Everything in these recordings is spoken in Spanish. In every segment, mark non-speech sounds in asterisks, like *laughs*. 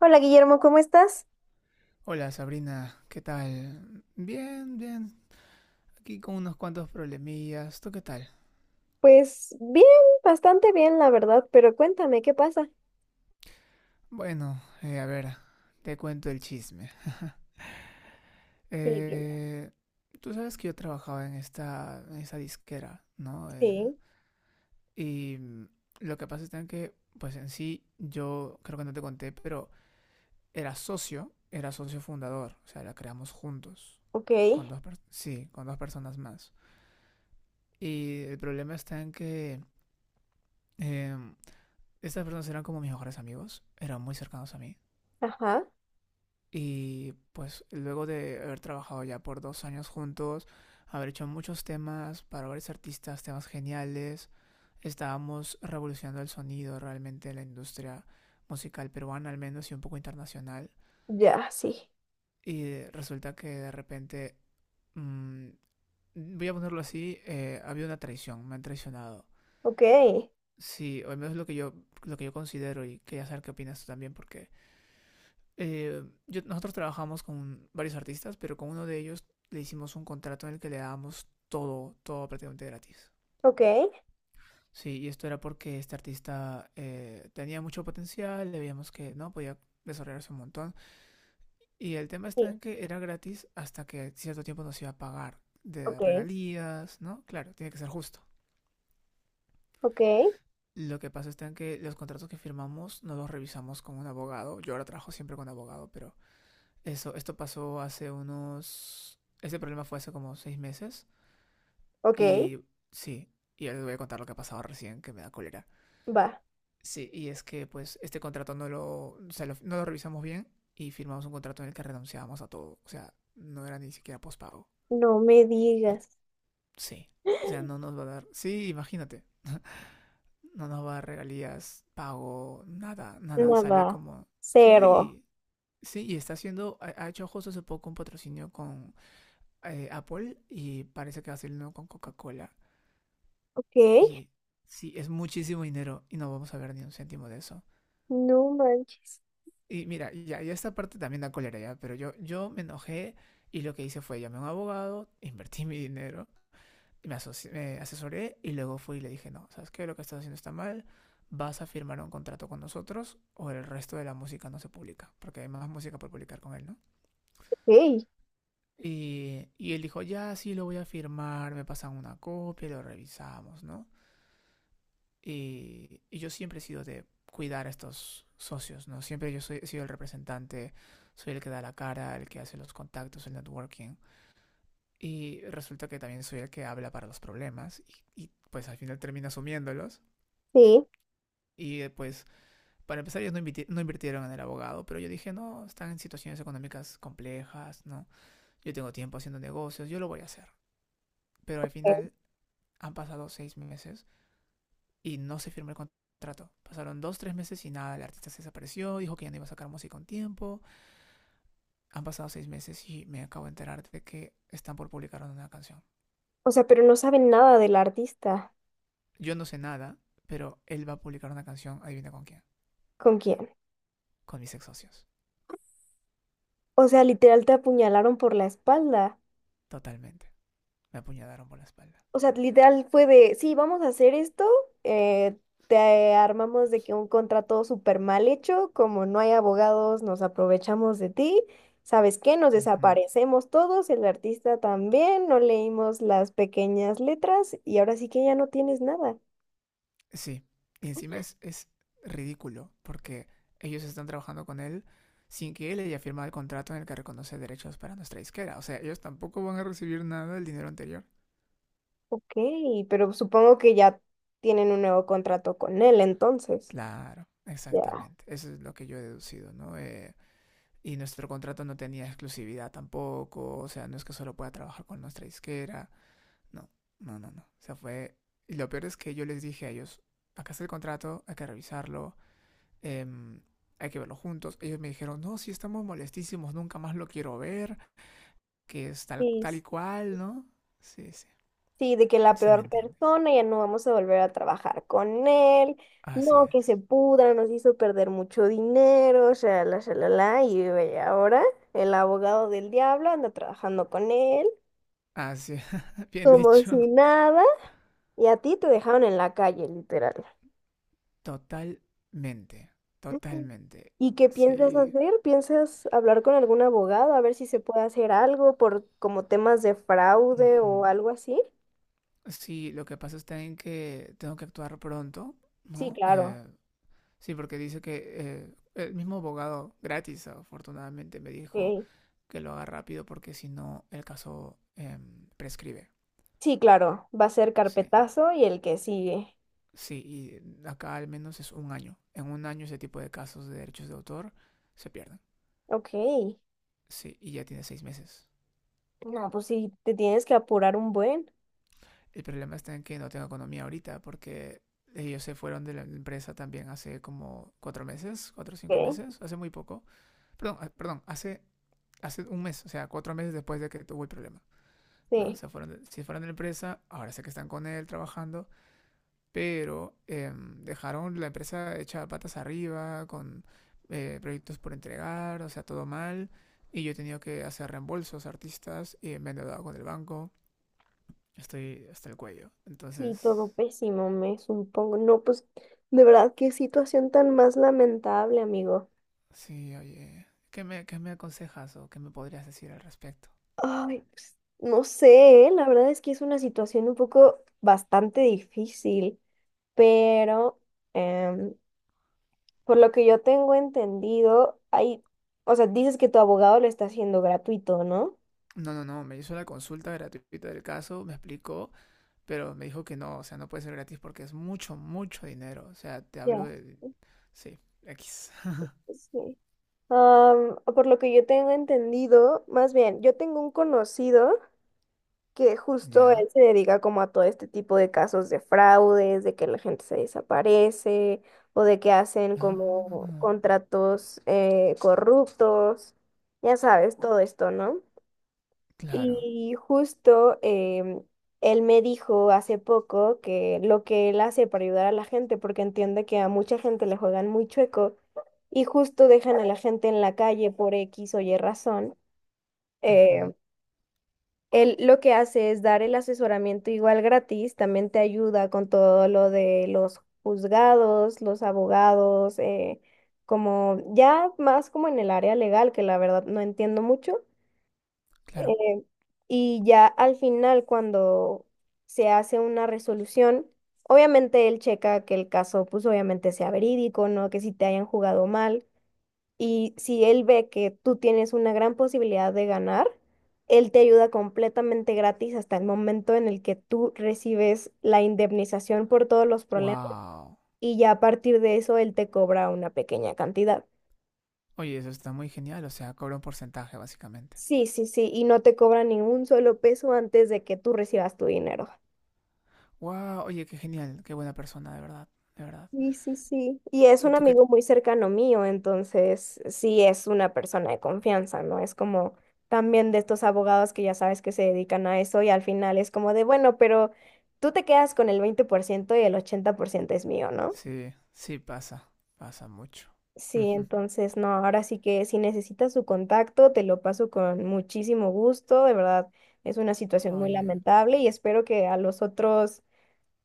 Hola Guillermo, ¿cómo estás? Hola Sabrina, ¿qué tal? Bien, bien. Aquí con unos cuantos problemillas. ¿Tú qué tal? Pues bien, bastante bien, la verdad, pero cuéntame, ¿qué pasa? Bueno, a ver, te cuento el chisme. Sí, bien. Eh, tú sabes que yo trabajaba en esta disquera, ¿no? Eh, Sí, y lo que pasa es tan que, pues en sí, yo creo que no te conté, pero era socio fundador. O sea, la creamos juntos. ok, Con dos, sí, con dos personas más. Y el problema está en que em, Estas personas eran como mis mejores amigos, eran muy cercanos a mí. ajá, Y pues luego de haber trabajado ya por 2 años juntos, haber hecho muchos temas para varios artistas, temas geniales, estábamos revolucionando el sonido realmente en la industria musical peruana, al menos, y un poco internacional. ya, sí, Y resulta que de repente, mmm, voy a ponerlo así, ha habido una traición, me han traicionado. ok, Sí, o al menos lo que yo considero, y quería saber qué opinas tú también, porque nosotros trabajamos con varios artistas, pero con uno de ellos le hicimos un contrato en el que le dábamos todo, todo prácticamente gratis. ok, Sí, y esto era porque este artista tenía mucho potencial, le veíamos que no podía desarrollarse un montón. Y el tema sí, está en que era gratis hasta que cierto tiempo nos iba a pagar de ok, regalías, ¿no? Claro, tiene que ser justo. ok, Lo que pasa está en que los contratos que firmamos no los revisamos con un abogado. Yo ahora trabajo siempre con abogado, pero esto pasó hace unos... Este problema fue hace como 6 meses, ok, y sí, y ahora les voy a contar lo que ha pasado recién, que me da cólera. va, Sí, y es que pues este contrato no lo, o sea, lo- no lo revisamos bien y firmamos un contrato en el que renunciábamos a todo. O sea, no era ni siquiera pospago. no me digas, Sí. O sea, *gasps* no nos va a dar... Sí, imagínate. No nos va a dar regalías, pago, nada, nada. Sale nada, como... cero, Sí, sí, y está haciendo... Ha hecho justo hace poco un patrocinio con Apple, y parece que va a ser uno con Coca-Cola. ok, Y sí, es muchísimo dinero y no vamos a ver ni un céntimo de eso. no manches, Y mira, ya, ya esta parte también da cólera ya, pero yo me enojé, y lo que hice fue llamé a un abogado, *laughs* invertí mi dinero, y me asesoré, y luego fui y le dije, no, ¿sabes qué? Lo que estás haciendo está mal, vas a firmar un contrato con nosotros o el resto de la música no se publica, porque hay más música por publicar con él, ¿no? ok, Y él dijo, ya, sí lo voy a firmar, me pasan una copia, y lo revisamos, ¿no? Y yo siempre he sido de cuidar a estos socios, ¿no? Siempre he sido el representante, soy el que da la cara, el que hace los contactos, el networking. Y resulta que también soy el que habla para los problemas, y pues al final termina asumiéndolos. sí, Y pues para empezar ellos no, invirtieron en el abogado, pero yo dije, no, están en situaciones económicas complejas, ¿no? Yo tengo tiempo haciendo negocios, yo lo voy a hacer. Pero al ok. final han pasado 6 meses y no se firmó el contrato. Pasaron 2, 3 meses y nada, el artista se desapareció, dijo que ya no iba a sacar música con tiempo. Han pasado seis meses y me acabo de enterar de que están por publicar una canción. O sea, pero no saben nada del artista, Yo no sé nada, pero él va a publicar una canción, adivina con quién, ¿con quién? con mis ex socios. O sea, literal te apuñalaron por la espalda. Totalmente. Me apuñalaron por la espalda. O sea, literal fue de, sí, vamos a hacer esto, eh, te armamos de que un contrato súper mal hecho, como no hay abogados, nos aprovechamos de ti, ¿sabes qué? Nos Ujú. desaparecemos todos, el artista también, no leímos las pequeñas letras y ahora sí que ya no tienes nada. Sí. Y encima es ridículo, porque ellos están trabajando con él sin que él haya firmado el contrato en el que reconoce derechos para nuestra disquera. O sea, ellos tampoco van a recibir nada del dinero anterior. Ok, pero supongo que ya tienen un nuevo contrato con él entonces. Claro, Ya. exactamente. Eso es lo que yo he deducido, ¿no? Y nuestro contrato no tenía exclusividad tampoco, o sea, no es que solo pueda trabajar con nuestra disquera, no, no, no, no. O sea, fue... Y lo peor es que yo les dije a ellos, acá está el contrato, hay que revisarlo, em, hay que verlo juntos. Ellos me dijeron, no, si estamos molestísimos, nunca más lo quiero ver, que es tal, Sí, tal y cual, ¿no? Sí, sí. sí, de que la Sí me peor entiendes. persona ya no vamos a volver a trabajar con él, Así no, que se es. pudra, nos hizo perder mucho dinero, shalala, shalala, y ve ahora el abogado del diablo anda trabajando con él, Así, *laughs* bien como si dicho. nada, y a ti te dejaron en la calle, literal. Totalmente, totalmente. ¿Y qué piensas Sí. hacer? ¿Piensas hablar con algún abogado a ver si se puede hacer algo por como temas de fraude Ujú. o algo así? Sí, lo que pasa está en que tengo que actuar pronto, Sí, ¿no? claro. Sí, porque dice que el mismo abogado, gratis afortunadamente, me dijo Ok. que lo haga rápido porque si no el caso prescribe. Sí, claro. Va a ser Sí, carpetazo y el que sigue. sí, y acá al menos es un año. En un año ese tipo de casos de derechos de autor se pierden. Ok. Sí, y ya tiene 6 meses. No, pues sí, te tienes que apurar un buen. El problema está en que no tengo economía ahorita porque ellos se fueron de la empresa también hace como 4 meses, cuatro o cinco Ok. meses, hace muy poco. Perdón, perdón, hace un mes, o sea, 4 meses después de que tuvo el problema. ¿No? Sí, Se fueron de la empresa, ahora sé que están con él trabajando, pero dejaron la empresa hecha patas arriba, con proyectos por entregar, o sea, todo mal. Y yo he tenido que hacer reembolsos a artistas y me he endeudado con el banco. Estoy hasta el cuello. sí, todo Entonces, pésimo, me supongo. No, pues de verdad, qué situación tan más lamentable, amigo. sí, oye. ¿Qué me aconsejas o qué me podrías decir al respecto? Ay, pues, no sé, ¿eh? La verdad es que es una situación un poco bastante difícil, pero em, por lo que yo tengo entendido, hay, o sea, dices que tu abogado lo está haciendo gratuito, ¿no? No, no, no, me hizo la consulta gratuita del caso, me explicó, pero me dijo que no, o sea, no puede ser gratis porque es mucho, mucho dinero. O sea, te hablo Ya. de... Sí, X. Sí. Por lo que yo tengo entendido, más bien, yo tengo un conocido que *laughs* justo ¿Ya? él se dedica como a todo este tipo de casos de fraudes, de que la gente se desaparece o de que hacen como Ah, contratos corruptos, ya sabes, todo esto, ¿no? claro. Y justo él me dijo hace poco que lo que él hace para ayudar a la gente, porque entiende que a mucha gente le juegan muy chueco y justo dejan a la gente en la calle por X o Y razón, eh, Ujú, él lo que hace es dar el asesoramiento igual gratis, también te ayuda con todo lo de los juzgados, los abogados, como ya más como en el área legal, que la verdad no entiendo mucho. claro. eh, y ya al final, cuando se hace una resolución, obviamente él checa que el caso, pues obviamente sea verídico, ¿no? Que si te hayan jugado mal. Y si él ve que tú tienes una gran posibilidad de ganar, él te ayuda completamente gratis hasta el momento en el que tú recibes la indemnización por todos los problemas Wow. y ya a partir de eso él te cobra una pequeña cantidad. Oye, eso está muy genial, o sea, cobra un porcentaje, básicamente. Sí, sí, sí, y no te cobra ningún solo peso antes de que tú recibas tu dinero. Wow, oye, qué genial, qué buena persona, de verdad, de verdad. Sí, sí, sí. Y es ¿Y un tú qué? amigo muy cercano mío, entonces sí es una persona de confianza, ¿no? Es como también de estos abogados que ya sabes que se dedican a eso y al final es como de, bueno, pero tú te quedas con el 20% y el 80% es mío, ¿no? Sí, sí, pasa, pasa mucho. Sí, Ujú. entonces no, ahora sí que si necesitas su contacto, te lo paso con muchísimo gusto, de verdad, es una situación muy Oye, lamentable y espero que a los otros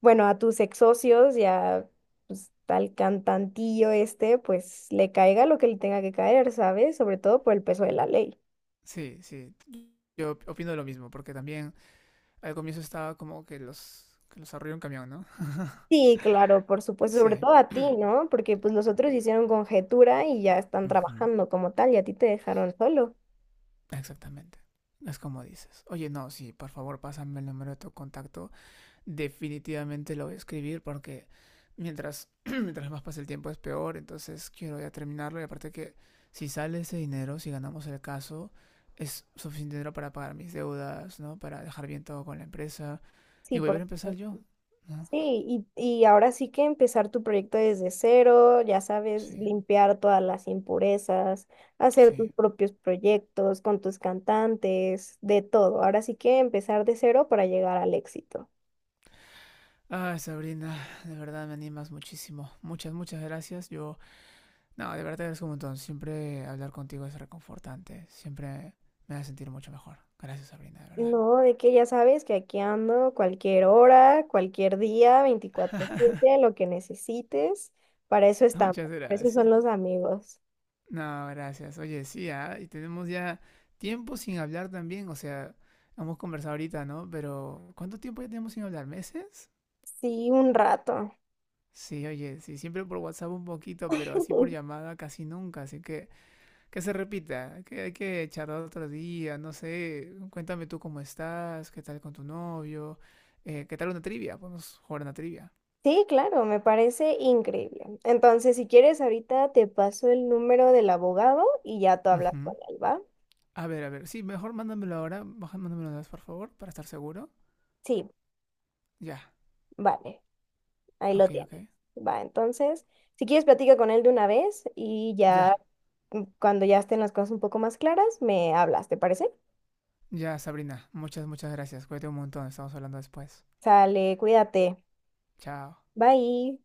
bueno, a tus ex socios y a pues, al cantantillo este, pues le caiga lo que le tenga que caer, ¿sabes? Sobre todo por el peso de la ley. sí, sí. Yo opino lo mismo, porque también al comienzo estaba como que que los arrolló un camión, ¿no? Sí, claro, por supuesto, sobre Sí. todo a ti, ¿no? Porque pues los otros hicieron conjetura y ya están *clears throat* Ujú. trabajando como tal y a ti te dejaron solo. Exactamente. Es como dices. Oye, no, sí, por favor, pásame el número de tu contacto. Definitivamente lo voy a escribir porque mientras, *clears throat* mientras más pasa el tiempo es peor. Entonces quiero ya terminarlo. Y aparte que si sale ese dinero, si ganamos el caso, es suficiente dinero para pagar mis deudas, ¿no? Para dejar bien todo con la empresa Sí, y volver por a empezar supuesto. yo, ¿no? Sí, y ahora sí que empezar tu proyecto desde cero, ya sabes, Sí. limpiar todas las impurezas, hacer tus Sí. propios proyectos con tus cantantes, de todo. Ahora sí que empezar de cero para llegar al éxito. Ay, Sabrina, de verdad me animas muchísimo. Muchas, muchas gracias. Yo, no, de verdad te agradezco un montón. Siempre hablar contigo es reconfortante. Siempre me hace sentir mucho mejor. Gracias, Sabrina, de verdad. No, de que ya sabes que aquí ando cualquier hora, cualquier día, veinticuatro *laughs* siete lo que necesites. Para eso estamos, Muchas para eso son gracias. los amigos. No, gracias. Oye, sí, ah, y tenemos ya tiempo sin hablar también. O sea, hemos conversado ahorita, ¿no? Pero, ¿cuánto tiempo ya tenemos sin hablar? ¿Meses? Sí, un rato. Sí, oye, sí, siempre por WhatsApp un poquito, pero así por *laughs* llamada casi nunca. Así que se repita, que hay que charlar otro día, no sé, cuéntame tú cómo estás, qué tal con tu novio, qué tal una trivia, podemos jugar una trivia. Sí, claro, me parece increíble. Entonces, si quieres, ahorita te paso el número del abogado y ya tú hablas con Ujú. él, ¿va? A ver, sí, mejor mándamelo ahora, mándamelo una vez, por favor, para estar seguro. Sí, Ya, vale, ahí lo ok, ok. tienes. Va, entonces, si quieres, platica con él de una vez y Ya, ya cuando ya estén las cosas un poco más claras, me hablas, ¿te parece? ya, Sabrina, muchas, muchas gracias, cuídate un montón, estamos hablando después. Sale, cuídate. Chao. Bye.